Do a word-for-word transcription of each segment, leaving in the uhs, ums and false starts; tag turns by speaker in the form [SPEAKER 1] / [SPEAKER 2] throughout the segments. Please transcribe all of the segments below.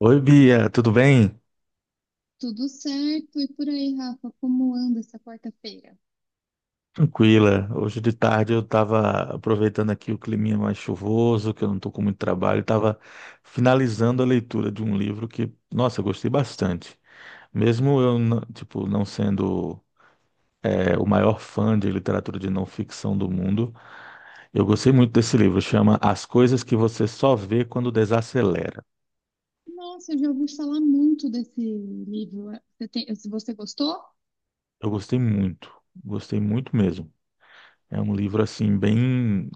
[SPEAKER 1] Oi, Bia, tudo bem?
[SPEAKER 2] Tudo certo, e por aí, Rafa, como anda essa quarta-feira?
[SPEAKER 1] Tranquila. Hoje de tarde eu estava aproveitando aqui o climinha mais chuvoso, que eu não estou com muito trabalho, estava finalizando a leitura de um livro que, nossa, eu gostei bastante. Mesmo eu, n- tipo, não sendo é, o maior fã de literatura de não ficção do mundo, eu gostei muito desse livro. Chama As Coisas que Você Só Vê Quando Desacelera.
[SPEAKER 2] Nossa, eu já ouvi falar muito desse livro. Você tem- você gostou?
[SPEAKER 1] Eu gostei muito, gostei muito mesmo. É um livro assim bem,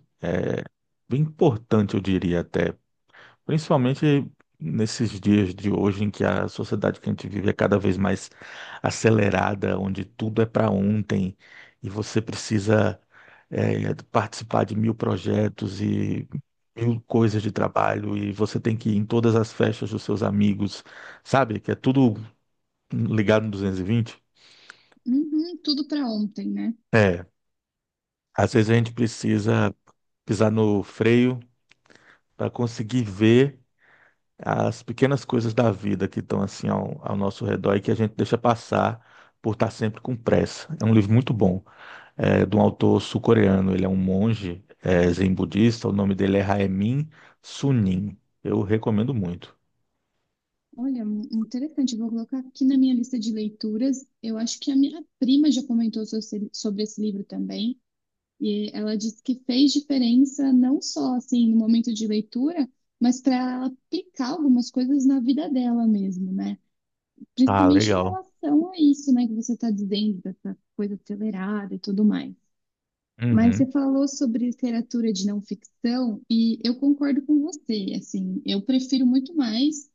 [SPEAKER 1] bem importante, eu diria até. Principalmente nesses dias de hoje, em que a sociedade que a gente vive é cada vez mais acelerada, onde tudo é para ontem e você precisa eh, participar de mil projetos e mil coisas de trabalho, e você tem que ir em todas as festas dos seus amigos, sabe? Que é tudo ligado no duzentos e vinte.
[SPEAKER 2] Uhum, tudo para ontem, né?
[SPEAKER 1] É, às vezes a gente precisa pisar no freio para conseguir ver as pequenas coisas da vida que estão assim ao, ao nosso redor e que a gente deixa passar por estar sempre com pressa. É um livro muito bom, é, de um autor sul-coreano. Ele é um monge, é, zen budista. O nome dele é Haemin Sunim. Eu recomendo muito.
[SPEAKER 2] Olha, mu- interessante. Eu Vou colocar aqui na minha lista de leituras. Eu acho que a minha prima já comentou so- sobre esse livro também. E ela disse que fez diferença não só assim no momento de leitura, mas para ela aplicar algumas coisas na vida dela mesmo, né?
[SPEAKER 1] Ah,
[SPEAKER 2] Principalmente em
[SPEAKER 1] legal.
[SPEAKER 2] relação a isso, né, que você está dizendo, dessa coisa acelerada e tudo mais. Mas você
[SPEAKER 1] Uhum.
[SPEAKER 2] falou sobre literatura de não ficção e eu concordo com você, assim, eu prefiro muito mais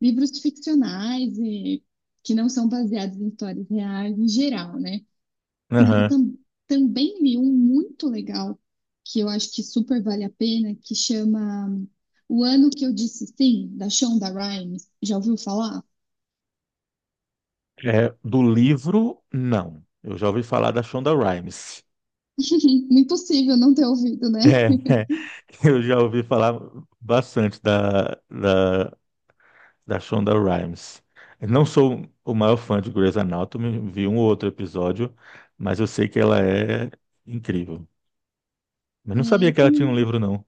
[SPEAKER 2] livros ficcionais e que não são baseados em histórias reais em geral, né? Mas eu
[SPEAKER 1] Aham.
[SPEAKER 2] tam- Também li um muito legal que eu acho que super vale a pena, que chama O Ano que Eu Disse Sim, da Shonda Rhimes. Já ouviu falar?
[SPEAKER 1] É, do livro, não. Eu já ouvi falar da Shonda Rhimes.
[SPEAKER 2] Impossível não ter ouvido, né?
[SPEAKER 1] É, é. Eu já ouvi falar bastante da, da da Shonda Rhimes. Eu não sou o maior fã de Grey's Anatomy, vi um ou outro episódio, mas eu sei que ela é incrível. Mas
[SPEAKER 2] É,
[SPEAKER 1] não sabia
[SPEAKER 2] eu,
[SPEAKER 1] que ela tinha um
[SPEAKER 2] com-
[SPEAKER 1] livro, não.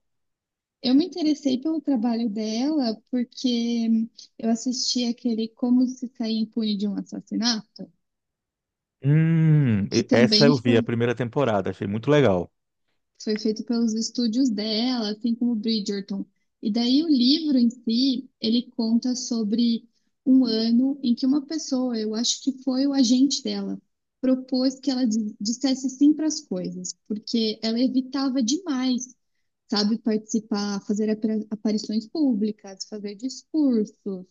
[SPEAKER 2] eu me interessei pelo trabalho dela porque eu assisti aquele Como se sair impune de um assassinato,
[SPEAKER 1] Hum,
[SPEAKER 2] que
[SPEAKER 1] e- essa
[SPEAKER 2] também
[SPEAKER 1] eu vi a
[SPEAKER 2] foi
[SPEAKER 1] primeira temporada, achei muito legal.
[SPEAKER 2] foi feito pelos estúdios dela, assim como Bridgerton. E daí o livro em si, ele conta sobre um ano em que uma pessoa, eu acho que foi o agente dela, propôs que ela di- dissesse sim para as coisas, porque ela evitava demais, sabe, participar, fazer apar- aparições públicas, fazer discursos,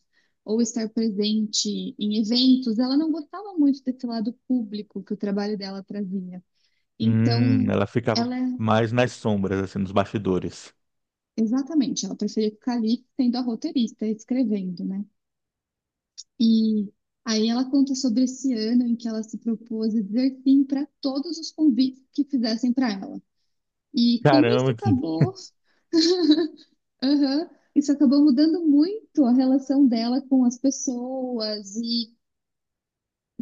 [SPEAKER 2] ou estar presente em eventos. Ela não gostava muito desse lado público que o trabalho dela trazia.
[SPEAKER 1] Hum,
[SPEAKER 2] Então,
[SPEAKER 1] ela ficava
[SPEAKER 2] ela
[SPEAKER 1] mais nas sombras, assim, nos bastidores.
[SPEAKER 2] Exatamente, ela preferia ficar ali sendo a roteirista, escrevendo, né? E aí ela conta sobre esse ano em que ela se propôs a dizer sim para todos os convites que fizessem para ela. E como isso
[SPEAKER 1] Caramba, que...
[SPEAKER 2] acabou, aham, isso acabou mudando muito a relação dela com as pessoas e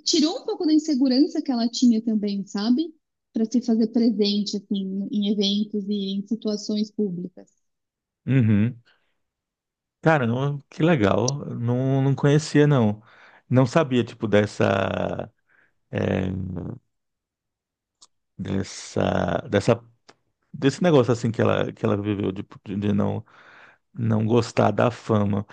[SPEAKER 2] tirou um pouco da insegurança que ela tinha também, sabe? Para se fazer presente assim em eventos e em situações públicas.
[SPEAKER 1] Uhum. Caramba, que legal. Não, não conhecia, não. Não sabia, tipo, dessa, é, dessa, dessa desse negócio assim que ela que ela viveu de, de não não gostar da fama.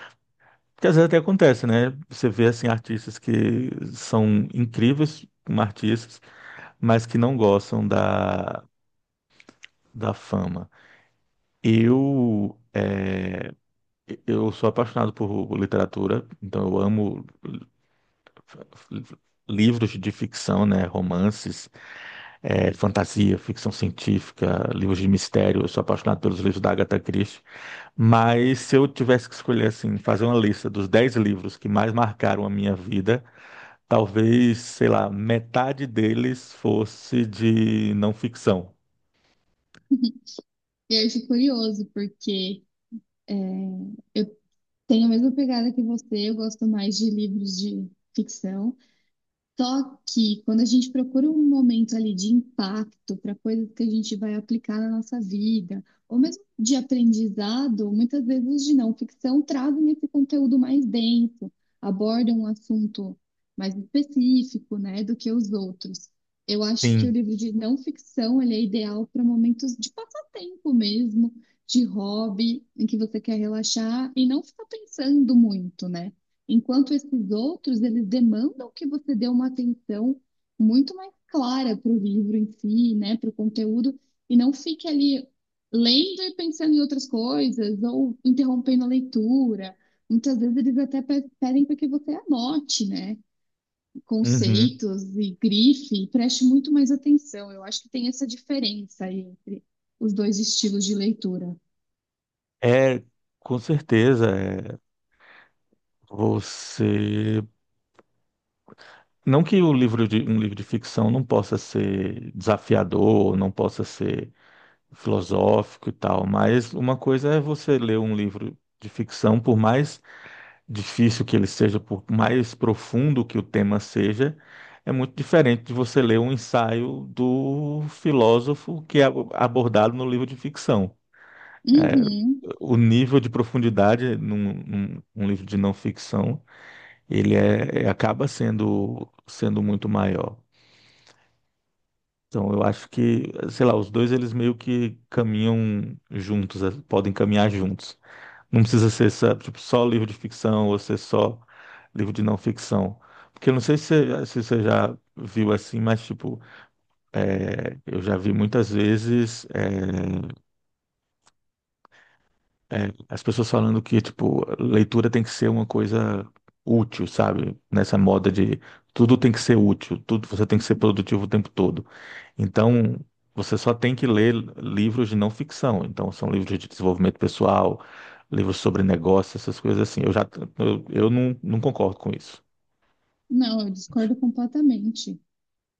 [SPEAKER 1] Porque às vezes até acontece, né? Você vê assim artistas que são incríveis como artistas, mas que não gostam da da fama. Eu é, eu sou apaixonado por literatura, então eu amo livros de ficção, né, romances, eh, fantasia, ficção científica, livros de mistério. Eu sou apaixonado pelos livros da Agatha Christie. Mas se eu tivesse que escolher assim, fazer uma lista dos dez livros que mais marcaram a minha vida, talvez, sei lá, metade deles fosse de não ficção.
[SPEAKER 2] E aí eu fico curioso porque tenho a mesma pegada que você, eu gosto mais de livros de ficção. Só que quando a gente procura um momento ali de impacto para coisas que a gente vai aplicar na nossa vida, ou mesmo de aprendizado, muitas vezes os de não ficção trazem esse conteúdo mais denso, abordam um assunto mais específico, né, do que os outros. Eu acho que o
[SPEAKER 1] Sim.
[SPEAKER 2] livro de não ficção, ele é ideal para momentos de passatempo mesmo, de hobby, em que você quer relaxar e não ficar pensando muito, né? Enquanto esses outros, eles demandam que você dê uma atenção muito mais clara para o livro em si, né, para o conteúdo, e não fique ali lendo e pensando em outras coisas, ou interrompendo a leitura. Muitas vezes eles até pe- pedem para que você anote, né,
[SPEAKER 1] Uhum.
[SPEAKER 2] conceitos e grife, e preste muito mais atenção. Eu acho que tem essa diferença aí entre os dois estilos de leitura.
[SPEAKER 1] É, com certeza, é, você. Não que o livro de, um livro de ficção não possa ser desafiador, não possa ser filosófico e tal, mas uma coisa é você ler um livro de ficção, por mais difícil que ele seja, por mais profundo que o tema seja, é muito diferente de você ler um ensaio do filósofo que é ab- abordado no livro de ficção.
[SPEAKER 2] Uhum.
[SPEAKER 1] O nível de profundidade num, num- num livro de não ficção, ele é, é- acaba sendo, sendo muito maior. Então, eu acho que, sei lá, os dois eles meio que caminham juntos, eh, podem caminhar juntos. Não precisa ser, sabe, tipo, só livro de ficção ou ser só livro de não ficção. Porque eu não sei se, você se você já viu assim, mas tipo, é, eu já vi muitas vezes eh, é, as pessoas falando que, tipo, leitura tem que ser uma coisa útil, sabe? Nessa moda de tudo tem que ser útil, tudo você tem que ser produtivo o tempo todo. Então, você só tem que ler livros de não ficção. Então, são livros de desenvolvimento pessoal, livros sobre negócio, essas coisas assim. Eu já, eu, eu não, não concordo com isso.
[SPEAKER 2] Não, eu discordo completamente.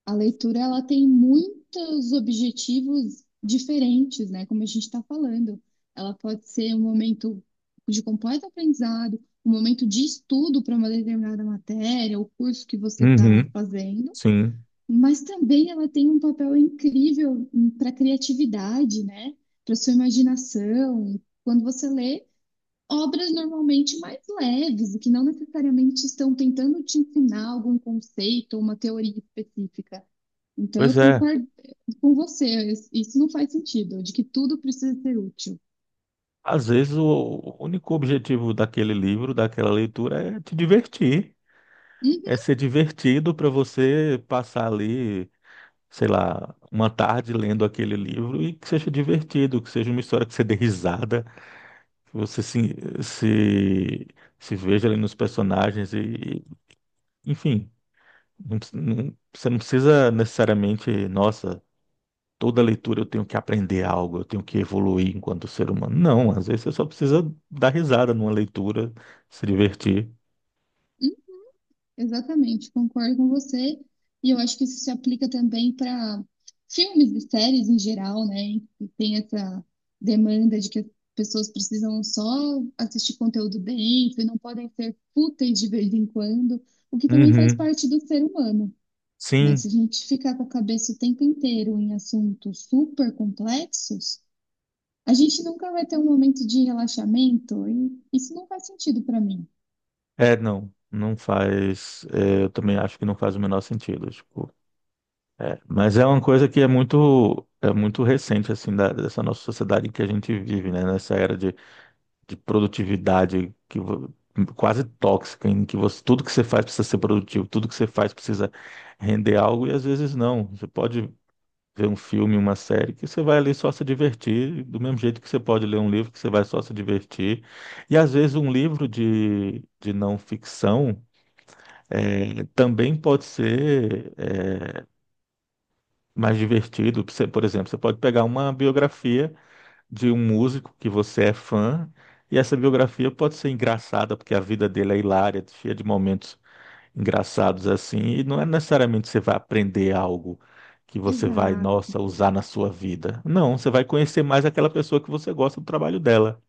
[SPEAKER 2] A leitura ela tem muitos objetivos diferentes, né? Como a gente está falando, ela pode ser um momento de completo aprendizado, um momento de estudo para uma determinada matéria, o curso que você está
[SPEAKER 1] Uhum,
[SPEAKER 2] fazendo,
[SPEAKER 1] sim.
[SPEAKER 2] mas também ela tem um papel incrível para a criatividade, né? Para sua imaginação. Quando você lê obras normalmente mais leves e que não necessariamente estão tentando te ensinar algum conceito ou uma teoria específica. Então, eu
[SPEAKER 1] Pois é.
[SPEAKER 2] concordo eh, com você, isso não faz sentido, de que tudo precisa ser útil.
[SPEAKER 1] Às vezes, o o único objetivo daquele livro, daquela leitura, é te divertir. É
[SPEAKER 2] Uhum.
[SPEAKER 1] ser divertido para você passar ali, sei lá, uma tarde lendo aquele livro e que seja divertido, que seja uma história que você dê risada, que você se, se, se veja ali nos personagens e, enfim, não precis- não- você não precisa necessariamente, nossa, toda leitura eu tenho que aprender algo, eu tenho que evoluir enquanto ser humano. Não, às vezes você só precisa dar risada numa leitura, se divertir.
[SPEAKER 2] Exatamente, concordo com você. E eu acho que isso se aplica também para filmes e séries em geral, né? Que tem essa demanda de que as pessoas precisam só assistir conteúdo denso e não podem ser fúteis de vez em quando, o que também faz
[SPEAKER 1] Uhum.
[SPEAKER 2] parte do ser humano, né?
[SPEAKER 1] Sim.
[SPEAKER 2] Se a gente ficar com a cabeça o tempo inteiro em assuntos super complexos, a gente nunca vai ter um momento de relaxamento e isso não faz sentido para mim.
[SPEAKER 1] É, não, não faz. É, eu também acho que não faz o menor sentido, tipo, é. Mas é uma coisa que é muito, é muito recente, assim, da- dessa nossa sociedade em que a gente vive, né? Nessa era de, de produtividade que vo- quase tóxica, em que você, tudo que você faz precisa ser produtivo, tudo que você faz precisa render algo e às vezes não. Você pode ver um filme, uma série que você vai ali só se divertir, do mesmo jeito que você pode ler um livro que você vai só se divertir. E às vezes um livro de, de não ficção é, também pode ser é, mais divertido. Você... Por exemplo, você pode pegar uma biografia de um músico que você é fã, e essa biografia pode ser engraçada, porque a vida dele é hilária, cheia de momentos engraçados assim, e não é necessariamente você vai aprender algo que você vai,
[SPEAKER 2] Exato.
[SPEAKER 1] nossa, usar na sua vida. Não, você vai conhecer mais aquela pessoa que você gosta do trabalho dela.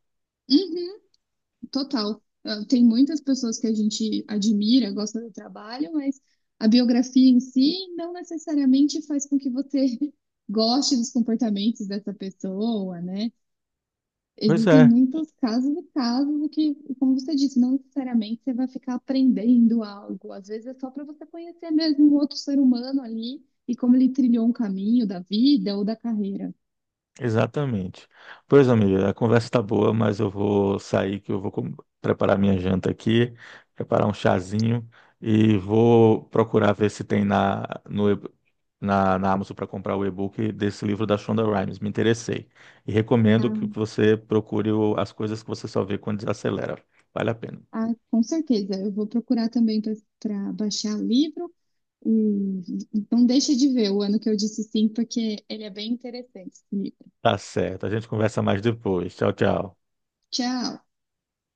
[SPEAKER 2] Total. Ah, tem muitas pessoas que a gente admira, gosta do trabalho, mas a biografia em si não necessariamente faz com que você goste dos comportamentos dessa pessoa, né?
[SPEAKER 1] Pois
[SPEAKER 2] Existem
[SPEAKER 1] é.
[SPEAKER 2] muitos casos e casos que, como você disse, não necessariamente você vai ficar aprendendo algo. Às vezes é só para você conhecer mesmo um outro ser humano ali e como ele trilhou um caminho da vida ou da carreira.
[SPEAKER 1] Exatamente. Pois, amiga, a conversa está boa, mas eu vou sair que eu vou com- preparar minha janta aqui, preparar um chazinho e vou procurar ver se tem na, no, e- na, na Amazon para comprar o e-book desse livro da Shonda Rhimes. Me interessei. E recomendo que
[SPEAKER 2] Ah,
[SPEAKER 1] você procure o- as coisas que você só vê quando desacelera. Vale a pena.
[SPEAKER 2] ah, com certeza. Eu vou procurar também para baixar o livro. E não deixa de ver o ano que eu disse sim, porque ele é bem interessante.
[SPEAKER 1] Tá certo. A gente conversa mais depois. Tchau, tchau.
[SPEAKER 2] Tchau!